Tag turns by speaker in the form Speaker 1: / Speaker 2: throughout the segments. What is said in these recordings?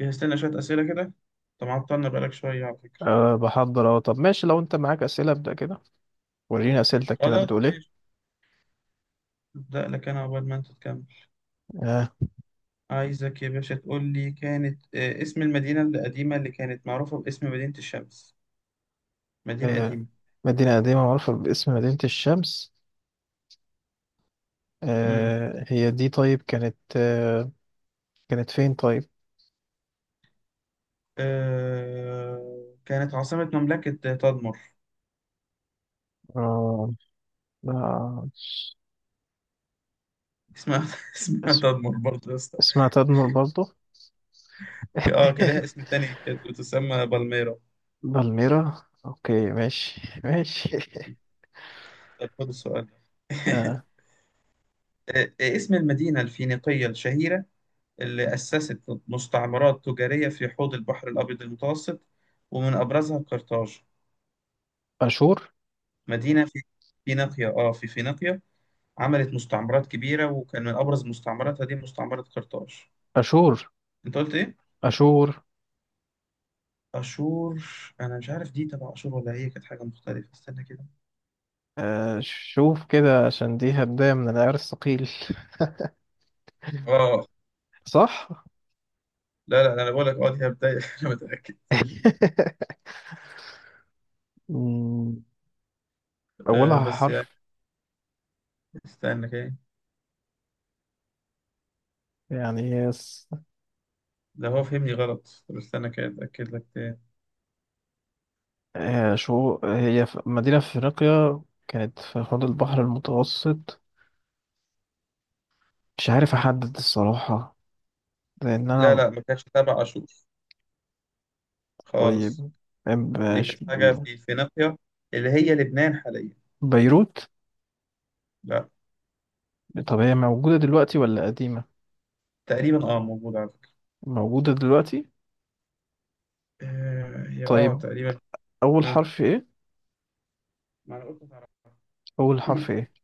Speaker 1: جهزت لنا شوية أسئلة كده. طب عطلنا بقالك شوية على فكرة.
Speaker 2: بحضر طب ماشي لو انت معاك اسئله ابدا كده. وريني اسئلتك كده
Speaker 1: خلاص
Speaker 2: بتقول
Speaker 1: ماشي،
Speaker 2: ايه؟
Speaker 1: أبدأ لك أنا عقبال ما أنت تكمل.
Speaker 2: أه
Speaker 1: عايزك يا باشا تقول لي كانت اسم المدينة القديمة اللي كانت معروفة باسم مدينة الشمس. مدينة
Speaker 2: أه
Speaker 1: قديمة.
Speaker 2: مدينه قديمه معروفه باسم مدينه الشمس.
Speaker 1: مم.
Speaker 2: أه هي دي. طيب كانت كانت فين طيب؟
Speaker 1: كانت عاصمة مملكة تدمر.
Speaker 2: أه آه،
Speaker 1: اسمها اسمها
Speaker 2: اس-
Speaker 1: تدمر برضه يا اسطى.
Speaker 2: اسمها تدمر برضه.
Speaker 1: كان لها اسم تاني، كانت بتسمى بالميرا.
Speaker 2: بالميرا، اوكي، ماشي ماشي.
Speaker 1: طب خد السؤال.
Speaker 2: أه
Speaker 1: اسم المدينة الفينيقية الشهيرة اللي أسست مستعمرات تجارية في حوض البحر الأبيض المتوسط، ومن أبرزها قرطاج.
Speaker 2: اشور.
Speaker 1: مدينة في فينيقيا، في فينيقيا، عملت مستعمرات كبيرة وكان من أبرز مستعمراتها دي مستعمرة قرطاج.
Speaker 2: اشور.
Speaker 1: أنت قلت إيه؟
Speaker 2: اشور.
Speaker 1: أشور؟ أنا مش عارف دي تبع أشور ولا هي كانت حاجة مختلفة، استنى كده.
Speaker 2: أه شوف كده، عشان دي هدايا من العيار الثقيل،
Speaker 1: آه،
Speaker 2: صح؟
Speaker 1: لا لا، أنا بقول لك دي بداية. أنا متأكد.
Speaker 2: مم. أولها
Speaker 1: بس يعني
Speaker 2: حرف.
Speaker 1: استنى كده.
Speaker 2: يعني هي س-
Speaker 1: لا، هو فهمني غلط، طب استنى كده أتأكد لك تاني.
Speaker 2: آه، شو هي في- مدينة في أفريقيا، كانت في حوض البحر المتوسط. مش عارف أحدد الصراحة، لأن
Speaker 1: لا
Speaker 2: أنا،
Speaker 1: لا، ما كانتش تبع أشور خالص.
Speaker 2: طيب،
Speaker 1: دي
Speaker 2: مش-
Speaker 1: كانت حاجة في فينيقيا، اللي هي لبنان حاليا.
Speaker 2: بيروت.
Speaker 1: لا.
Speaker 2: طب هي موجودة دلوقتي ولا قديمة؟
Speaker 1: تقريبا اه موجودة على فكرة.
Speaker 2: موجودة دلوقتي.
Speaker 1: هي اه
Speaker 2: طيب
Speaker 1: تقريبا.
Speaker 2: أول
Speaker 1: اه،
Speaker 2: حرف إيه؟
Speaker 1: ما انا قلت هتعرف.
Speaker 2: أول حرف إيه؟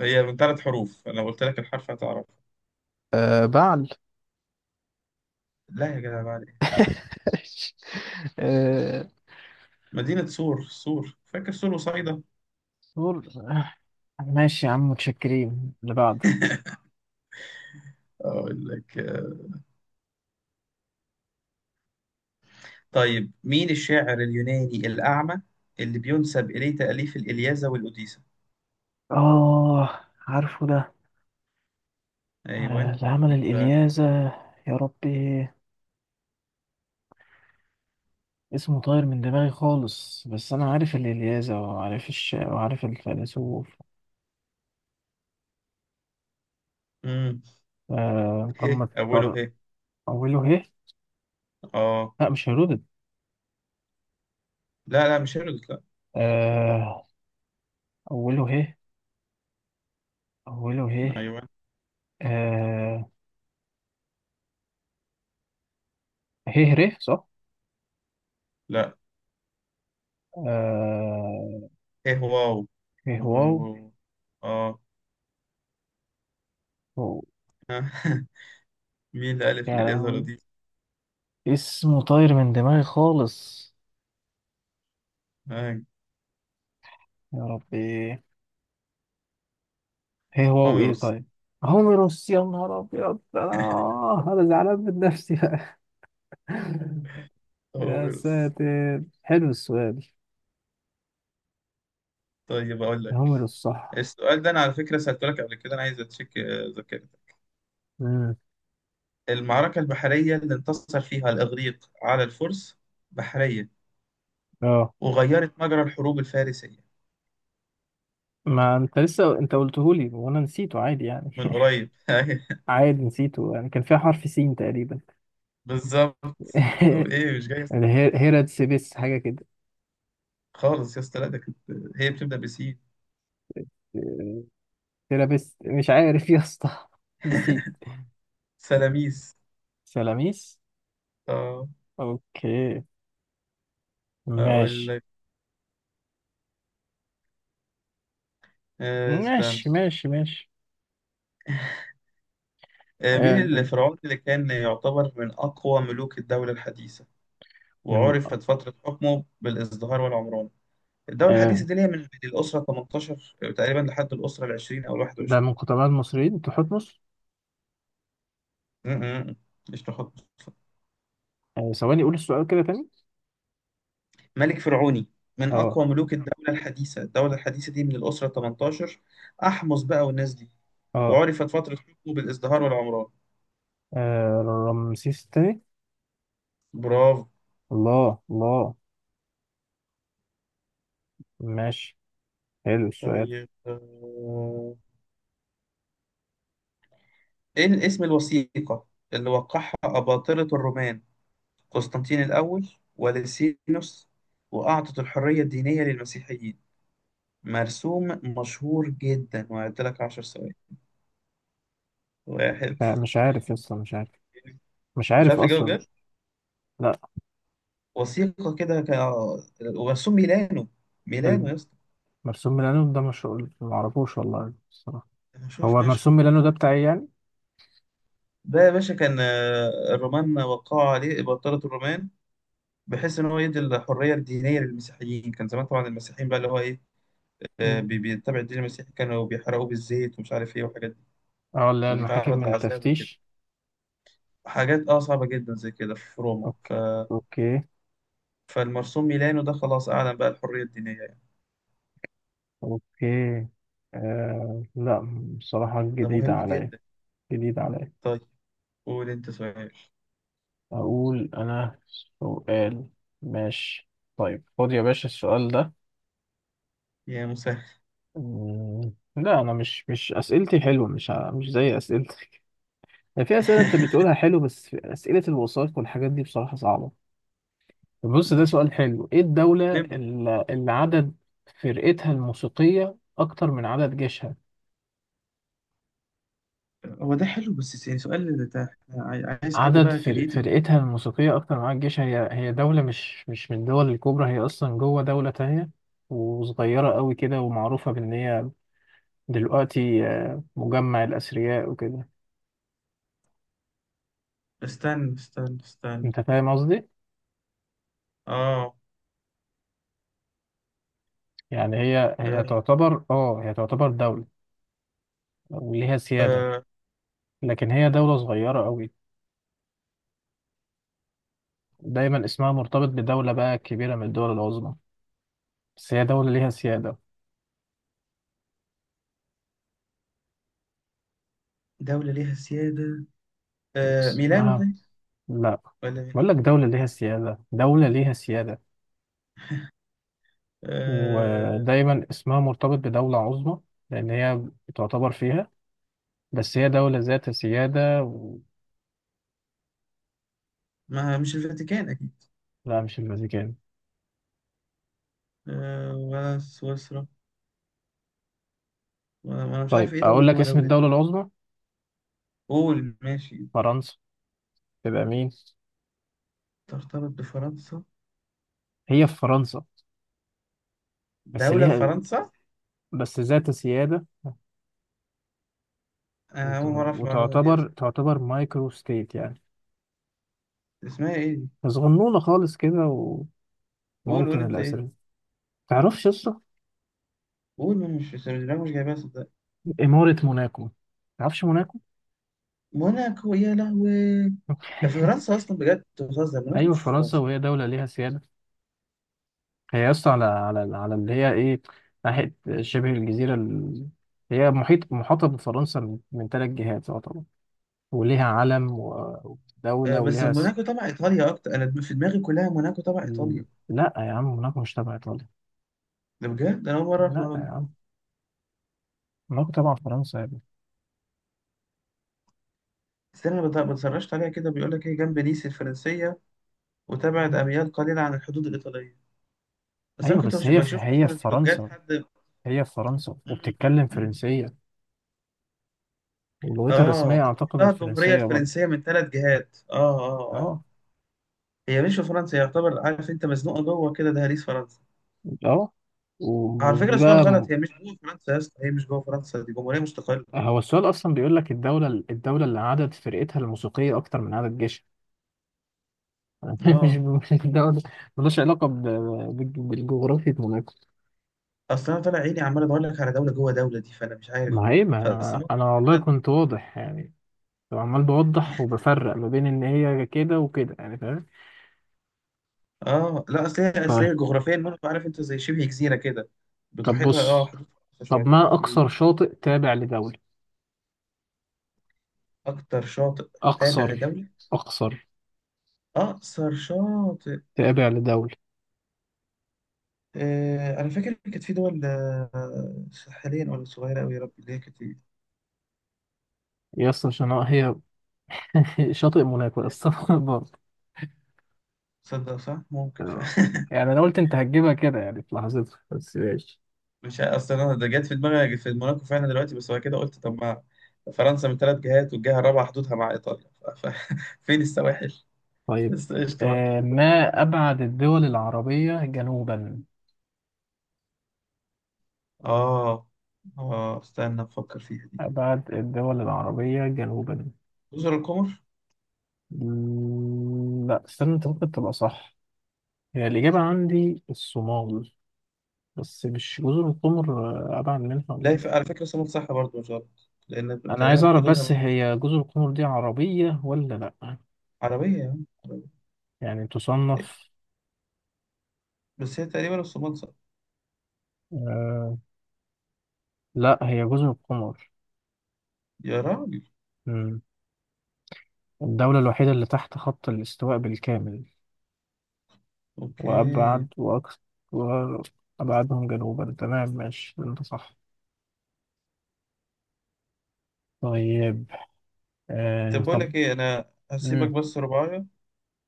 Speaker 1: هي من ثلاث حروف، انا قلت لك الحرف هتعرف.
Speaker 2: أه بعل.
Speaker 1: لا يا جدع، بعد إيه؟
Speaker 2: أه
Speaker 1: مدينة سور، سور فاكر، سور وصيدا.
Speaker 2: صور- آه، ماشي يا عم، متشكرين. اللي بعده.
Speaker 1: اقول لك طيب، مين الشاعر اليوناني الأعمى اللي بينسب إليه تأليف الإلياذة والأوديسة؟
Speaker 2: آه عارفه ده.
Speaker 1: أيوان.
Speaker 2: العمل
Speaker 1: مين بقى؟
Speaker 2: الإلياذة. يا ربي اسمه طاير من دماغي خالص، بس أنا عارف الإلياذة وعارف وعارف الفيلسوف.
Speaker 1: مم.
Speaker 2: طب ما
Speaker 1: هي أوله
Speaker 2: تختار.
Speaker 1: هي.
Speaker 2: أوله ه.
Speaker 1: اه.
Speaker 2: لا مش هيرودد.
Speaker 1: لا لا، مش هيرودوت.
Speaker 2: آه، أوله ه. أوله
Speaker 1: لا،
Speaker 2: ه
Speaker 1: أيوان.
Speaker 2: آه، ه ر صح؟
Speaker 1: لا،
Speaker 2: آه،
Speaker 1: ايه واو.
Speaker 2: ه
Speaker 1: و-
Speaker 2: واو.
Speaker 1: و- اه.
Speaker 2: أوه،
Speaker 1: مين اللي ألف
Speaker 2: يا
Speaker 1: لليزرة
Speaker 2: لهوي،
Speaker 1: دي؟
Speaker 2: اسمه طاير من دماغي خالص.
Speaker 1: آه،
Speaker 2: يا ربي هي هو وايه
Speaker 1: هوميروس.
Speaker 2: طيب. هوميروس. يا نهار ابيض، انا انا زعلان من نفسي بقى. يا
Speaker 1: هوميروس.
Speaker 2: ساتر، حلو السؤال.
Speaker 1: طيب أقول لك.
Speaker 2: هوميروس صح.
Speaker 1: السؤال ده أنا على فكرة سألته لك قبل كده، أنا عايز أتشيك ذاكرتك.
Speaker 2: امم.
Speaker 1: المعركة البحرية اللي انتصر فيها الإغريق على الفرس، بحرية،
Speaker 2: اه
Speaker 1: وغيرت مجرى الحروب الفارسية.
Speaker 2: ما انت لسه انت قلته لي وانا نسيته، عادي يعني.
Speaker 1: من قريب. أيوة،
Speaker 2: عادي نسيته، يعني كان فيها حرف سين تقريبا.
Speaker 1: بالظبط. طب إيه مش جاي؟
Speaker 2: هيراتسبس حاجه كده.
Speaker 1: خالص يا اسطى، لا ده كانت، هي بتبدأ بسين.
Speaker 2: تيرابيست، مش عارف يا اسطى. نسيت.
Speaker 1: سلاميس.
Speaker 2: سلاميس.
Speaker 1: اه،
Speaker 2: اوكي.
Speaker 1: أقول
Speaker 2: ماشي
Speaker 1: لك. استنى.
Speaker 2: ماشي ماشي ماشي.
Speaker 1: مين
Speaker 2: آه،
Speaker 1: الفرعون اللي كان يعتبر من أقوى ملوك الدولة الحديثة
Speaker 2: من
Speaker 1: وعرفت فترة حكمه بالازدهار والعمران؟ الدولة الحديثة
Speaker 2: آه
Speaker 1: دي اللي هي من الأسرة 18 تقريبا لحد الأسرة ال 20 أو ال
Speaker 2: ده
Speaker 1: 21.
Speaker 2: من قدماء المصريين، تحتمس.
Speaker 1: م- م- م. مش تحط؟
Speaker 2: آه ثواني قول السؤال كده تاني.
Speaker 1: ملك فرعوني من
Speaker 2: اه
Speaker 1: أقوى ملوك الدولة الحديثة، الدولة الحديثة دي من الأسرة 18، أحمس بقى والناس دي،
Speaker 2: اه.
Speaker 1: وعرفت فترة حكمه بالازدهار والعمران.
Speaker 2: آه، رمسيس التاني.
Speaker 1: برافو.
Speaker 2: الله الله. ماشي. حلو السؤال.
Speaker 1: طيب إيه اسم الوثيقة اللي وقعها أباطرة الرومان قسطنطين الأول ولسينوس وأعطت الحرية الدينية للمسيحيين؟ مرسوم مشهور جدا، وهعد لك عشر ثواني. واحد.
Speaker 2: مش عارف لسه مش عارف، مش
Speaker 1: مش
Speaker 2: عارف
Speaker 1: عارف اجاوب
Speaker 2: اصلا.
Speaker 1: بجد.
Speaker 2: لا.
Speaker 1: وثيقة كده ك... آه، ومرسوم ميلانو. ميلانو
Speaker 2: الب-
Speaker 1: يا اسطى،
Speaker 2: مرسوم ميلانو ده مش ما اعرفوش والله الصراحه.
Speaker 1: مشهور
Speaker 2: هو
Speaker 1: فشخ.
Speaker 2: مرسوم ميلانو ده بتاع ايه يعني؟
Speaker 1: ده يا باشا كان الرومان وقعوا عليه، بطلت الرومان، بحيث ان هو يدي الحريه الدينيه للمسيحيين. كان زمان طبعا المسيحيين بقى اللي هو ايه،
Speaker 2: مم.
Speaker 1: بيتبع الدين المسيحي، كانوا بيحرقوه بالزيت ومش عارف ايه وحاجات دي،
Speaker 2: اه اللي هي المحاكم
Speaker 1: وبيتعرض
Speaker 2: من
Speaker 1: لعذاب وكده،
Speaker 2: التفتيش.
Speaker 1: حاجات اه صعبة جدا زي كده في روما
Speaker 2: اوكي. اوكي.
Speaker 1: فالمرسوم ميلانو ده خلاص أعلن بقى الحرية الدينية يعني.
Speaker 2: اوكي. آه لا، بصراحه
Speaker 1: ده
Speaker 2: جديده
Speaker 1: مهم
Speaker 2: عليا،
Speaker 1: جدا.
Speaker 2: جديده عليا.
Speaker 1: طيب قول أنت سؤال.
Speaker 2: أقول أنا سؤال؟ ماشي. طيب خد يا باشا السؤال ده.
Speaker 1: يا مسهل.
Speaker 2: مم، لا أنا مش أسئلتي حلوة، مش زي أسئلتك. يعني في أسئلة أنت بتقولها حلو، بس في أسئلة الوثائق والحاجات دي بصراحة صعبة. طب بص ده سؤال حلو. إيه الدولة
Speaker 1: مهم.
Speaker 2: اللي عدد فرقتها الموسيقية أكتر من عدد جيشها؟
Speaker 1: هو ده حلو، بس يعني سؤال ده إحنا عايز حد بقى كرييتيف.
Speaker 2: فرقتها الموسيقية أكتر من عدد جيشها. هي دولة مش من الدول الكبرى. هي أصلا جوه دولة تانية، وصغيرة قوي كده، ومعروفة بإن هي دلوقتي آه، مجمع الأثرياء وكده.
Speaker 1: استنى.
Speaker 2: أنت فاهم قصدي؟
Speaker 1: آه.
Speaker 2: يعني هي
Speaker 1: آه،
Speaker 2: تعتبر آه هي تعتبر دولة وليها سيادة،
Speaker 1: آه،
Speaker 2: لكن هي دولة صغيرة أوي. دايما اسمها مرتبط بدولة بقى كبيرة من الدول العظمى، بس هي دولة ليها سيادة.
Speaker 1: دولة ليها سيادة. آه، ميلانو؟
Speaker 2: اسمها،
Speaker 1: طيب،
Speaker 2: لا،
Speaker 1: ولا مين؟
Speaker 2: بقول لك دولة ليها سيادة، دولة ليها سيادة.
Speaker 1: آه،
Speaker 2: ودايما اسمها مرتبط بدولة عظمى، لأن هي تعتبر فيها، بس هي دولة ذات سيادة و...
Speaker 1: ما مش الفاتيكان أكيد.
Speaker 2: لا مش الفاتيكان.
Speaker 1: آه، ولا سويسرا؟ وأنا مش
Speaker 2: طيب
Speaker 1: عارف إيه دولة
Speaker 2: أقول لك
Speaker 1: جوه
Speaker 2: اسم
Speaker 1: دولة دي.
Speaker 2: الدولة العظمى،
Speaker 1: قول، ماشي.
Speaker 2: فرنسا. تبقى مين؟
Speaker 1: ترتبط بفرنسا؟
Speaker 2: هي في فرنسا، بس
Speaker 1: دولة في
Speaker 2: ليها،
Speaker 1: فرنسا؟
Speaker 2: بس ذات سيادة.
Speaker 1: آه، أول مرة أعرف المعلومة دي
Speaker 2: وتعتبر
Speaker 1: أصلا.
Speaker 2: تعتبر مايكرو ستيت يعني،
Speaker 1: اسمها إيه دي؟
Speaker 2: صغنونة خالص كده،
Speaker 1: قول قول
Speaker 2: وموطن
Speaker 1: أنت إيه؟ دي؟
Speaker 2: الأسرى. تعرفش قصة
Speaker 1: قول، ما أنا مش جايبها صدق.
Speaker 2: إمارة موناكو؟ تعرفش موناكو؟
Speaker 1: موناكو؟ يا لهوي. ده في فرنسا أصلا بجد؟ أنت بتهزر، موناكو
Speaker 2: أيوة
Speaker 1: مش في
Speaker 2: فرنسا،
Speaker 1: فرنسا.
Speaker 2: وهي دولة ليها سيادة. هي أصلا على على اللي هي إيه، ناحية شبه الجزيرة هي محاطة بفرنسا من ثلاث جهات طبعا، وليها علم
Speaker 1: آه،
Speaker 2: ودولة
Speaker 1: بس
Speaker 2: وليها.
Speaker 1: موناكو تبع إيطاليا أكتر، أنا في دماغي كلها موناكو تبع
Speaker 2: مم.
Speaker 1: إيطاليا.
Speaker 2: لا يا عم موناكو مش تبع ايطاليا.
Speaker 1: ده بجد أنا أول مرة أعرف
Speaker 2: لا
Speaker 1: المعلومة
Speaker 2: يا
Speaker 1: دي.
Speaker 2: عم، موناكو تبع فرنسا يا ابني.
Speaker 1: استنى أنا بتسرشت عليها كده، بيقول لك هي جنب نيس الفرنسية، وتبعد
Speaker 2: مم.
Speaker 1: أميال قليلة عن الحدود الإيطالية. بس أنا
Speaker 2: ايوه
Speaker 1: كنت
Speaker 2: بس
Speaker 1: بشوف
Speaker 2: هي في
Speaker 1: مثلا فلوجات
Speaker 2: فرنسا.
Speaker 1: حد.
Speaker 2: هي في فرنسا وبتتكلم فرنسيه، ولغتها الرسميه
Speaker 1: اه.
Speaker 2: اعتقد
Speaker 1: تحتها الجمهورية
Speaker 2: الفرنسيه برضه.
Speaker 1: الفرنسية من ثلاث جهات. اه.
Speaker 2: اه.
Speaker 1: هي مش في فرنسا يعتبر، عارف انت مزنوقة جوه كده دهاليز فرنسا.
Speaker 2: اه.
Speaker 1: على فكرة
Speaker 2: ودي
Speaker 1: السؤال
Speaker 2: بقى
Speaker 1: غلط، هي مش جوه فرنسا يا اسطى، هي مش جوه فرنسا، دي جمهورية مستقلة.
Speaker 2: هو السؤال اصلا بيقول لك الدوله اللي عدد فرقتها الموسيقيه اكتر من عدد جيشها. مش
Speaker 1: اه،
Speaker 2: مش الدوله، ملوش علاقه بالجغرافيا موناكو.
Speaker 1: اصل انا طالع عيني عمال ادور لك على دولة جوه دولة دي، فانا مش عارف.
Speaker 2: ما هي،
Speaker 1: فاصل
Speaker 2: ما
Speaker 1: مصر.
Speaker 2: انا والله
Speaker 1: فعلا.
Speaker 2: كنت واضح يعني، فعمال بوضح وبفرق ما بين ان هي كده وكده يعني، فاهم؟
Speaker 1: اه لا، اصل هي، اصل
Speaker 2: طيب.
Speaker 1: هي جغرافيا برضه عارف انت زي شبه جزيرة كده،
Speaker 2: طب
Speaker 1: بتحيطها اه
Speaker 2: بص.
Speaker 1: حدود فرنسا
Speaker 2: طب
Speaker 1: شوية.
Speaker 2: ما
Speaker 1: مم.
Speaker 2: اقصر شاطئ تابع لدولة؟
Speaker 1: اكتر شاطئ تابع
Speaker 2: اقصر.
Speaker 1: لدولة؟
Speaker 2: اقصر
Speaker 1: اقصر شاطئ؟
Speaker 2: تابع لدولة.
Speaker 1: انا فاكر كانت في دول ساحليه، ولا صغيره قوي يا رب اللي هي كانت.
Speaker 2: يا اسطى عشان هي شاطئ موناكو يا اسطى برضه.
Speaker 1: تصدق صح، ممكن
Speaker 2: آه. يعني انا قلت انت هتجيبها كده يعني في لحظتها، بس ماشي.
Speaker 1: مش عارف، اصلا انا ده جت في دماغي في موناكو فعلا دلوقتي، بس بعد كده قلت طب ما فرنسا من ثلاث جهات والجهه الرابعه حدودها مع ايطاليا فين السواحل؟
Speaker 2: طيب
Speaker 1: بس قشطه، ماشي.
Speaker 2: آه، ما ابعد الدول العربية جنوبا.
Speaker 1: اه، اه استنى افكر فيها دي.
Speaker 2: ابعد الدول العربية جنوبا.
Speaker 1: جزر القمر.
Speaker 2: لا استنى، انت ممكن تبقى صح. هي الإجابة عندي الصومال، بس مش جزر القمر. آه، أبعد منها ولا
Speaker 1: لا
Speaker 2: إيه؟
Speaker 1: على فكره سمك صح برضه، مش غلط، لان
Speaker 2: أنا عايز
Speaker 1: تقريبا
Speaker 2: أعرف
Speaker 1: حدودها مع-
Speaker 2: بس، هي جزر القمر دي عربية ولا لأ؟
Speaker 1: عربيه يا عم، عربية.
Speaker 2: يعني تصنف.
Speaker 1: بس هي تقريبا الصومال صح.
Speaker 2: آه لأ، هي جزر القمر.
Speaker 1: يا راجل.
Speaker 2: مم. الدولة الوحيدة اللي تحت خط الاستواء بالكامل،
Speaker 1: اوكي.
Speaker 2: وأبعد وأكثر وأبعدهم جنوبا. تمام ماشي أنت صح. طيب. آه
Speaker 1: طب بقول
Speaker 2: طب.
Speaker 1: لك ايه، انا هسيبك
Speaker 2: مم.
Speaker 1: بس رباية،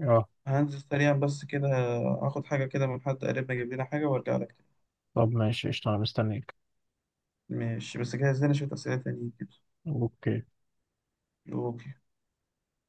Speaker 2: اه.
Speaker 1: هنزل سريعا بس كده، اخد حاجة كده من حد قريبنا يجيب لنا حاجة وارجع لك تاني.
Speaker 2: طب ماشي قشطة، أنا مستنيك.
Speaker 1: ماشي، بس جهز لنا شوية أسئلة تانية كده.
Speaker 2: أوكي.
Speaker 1: اوكي.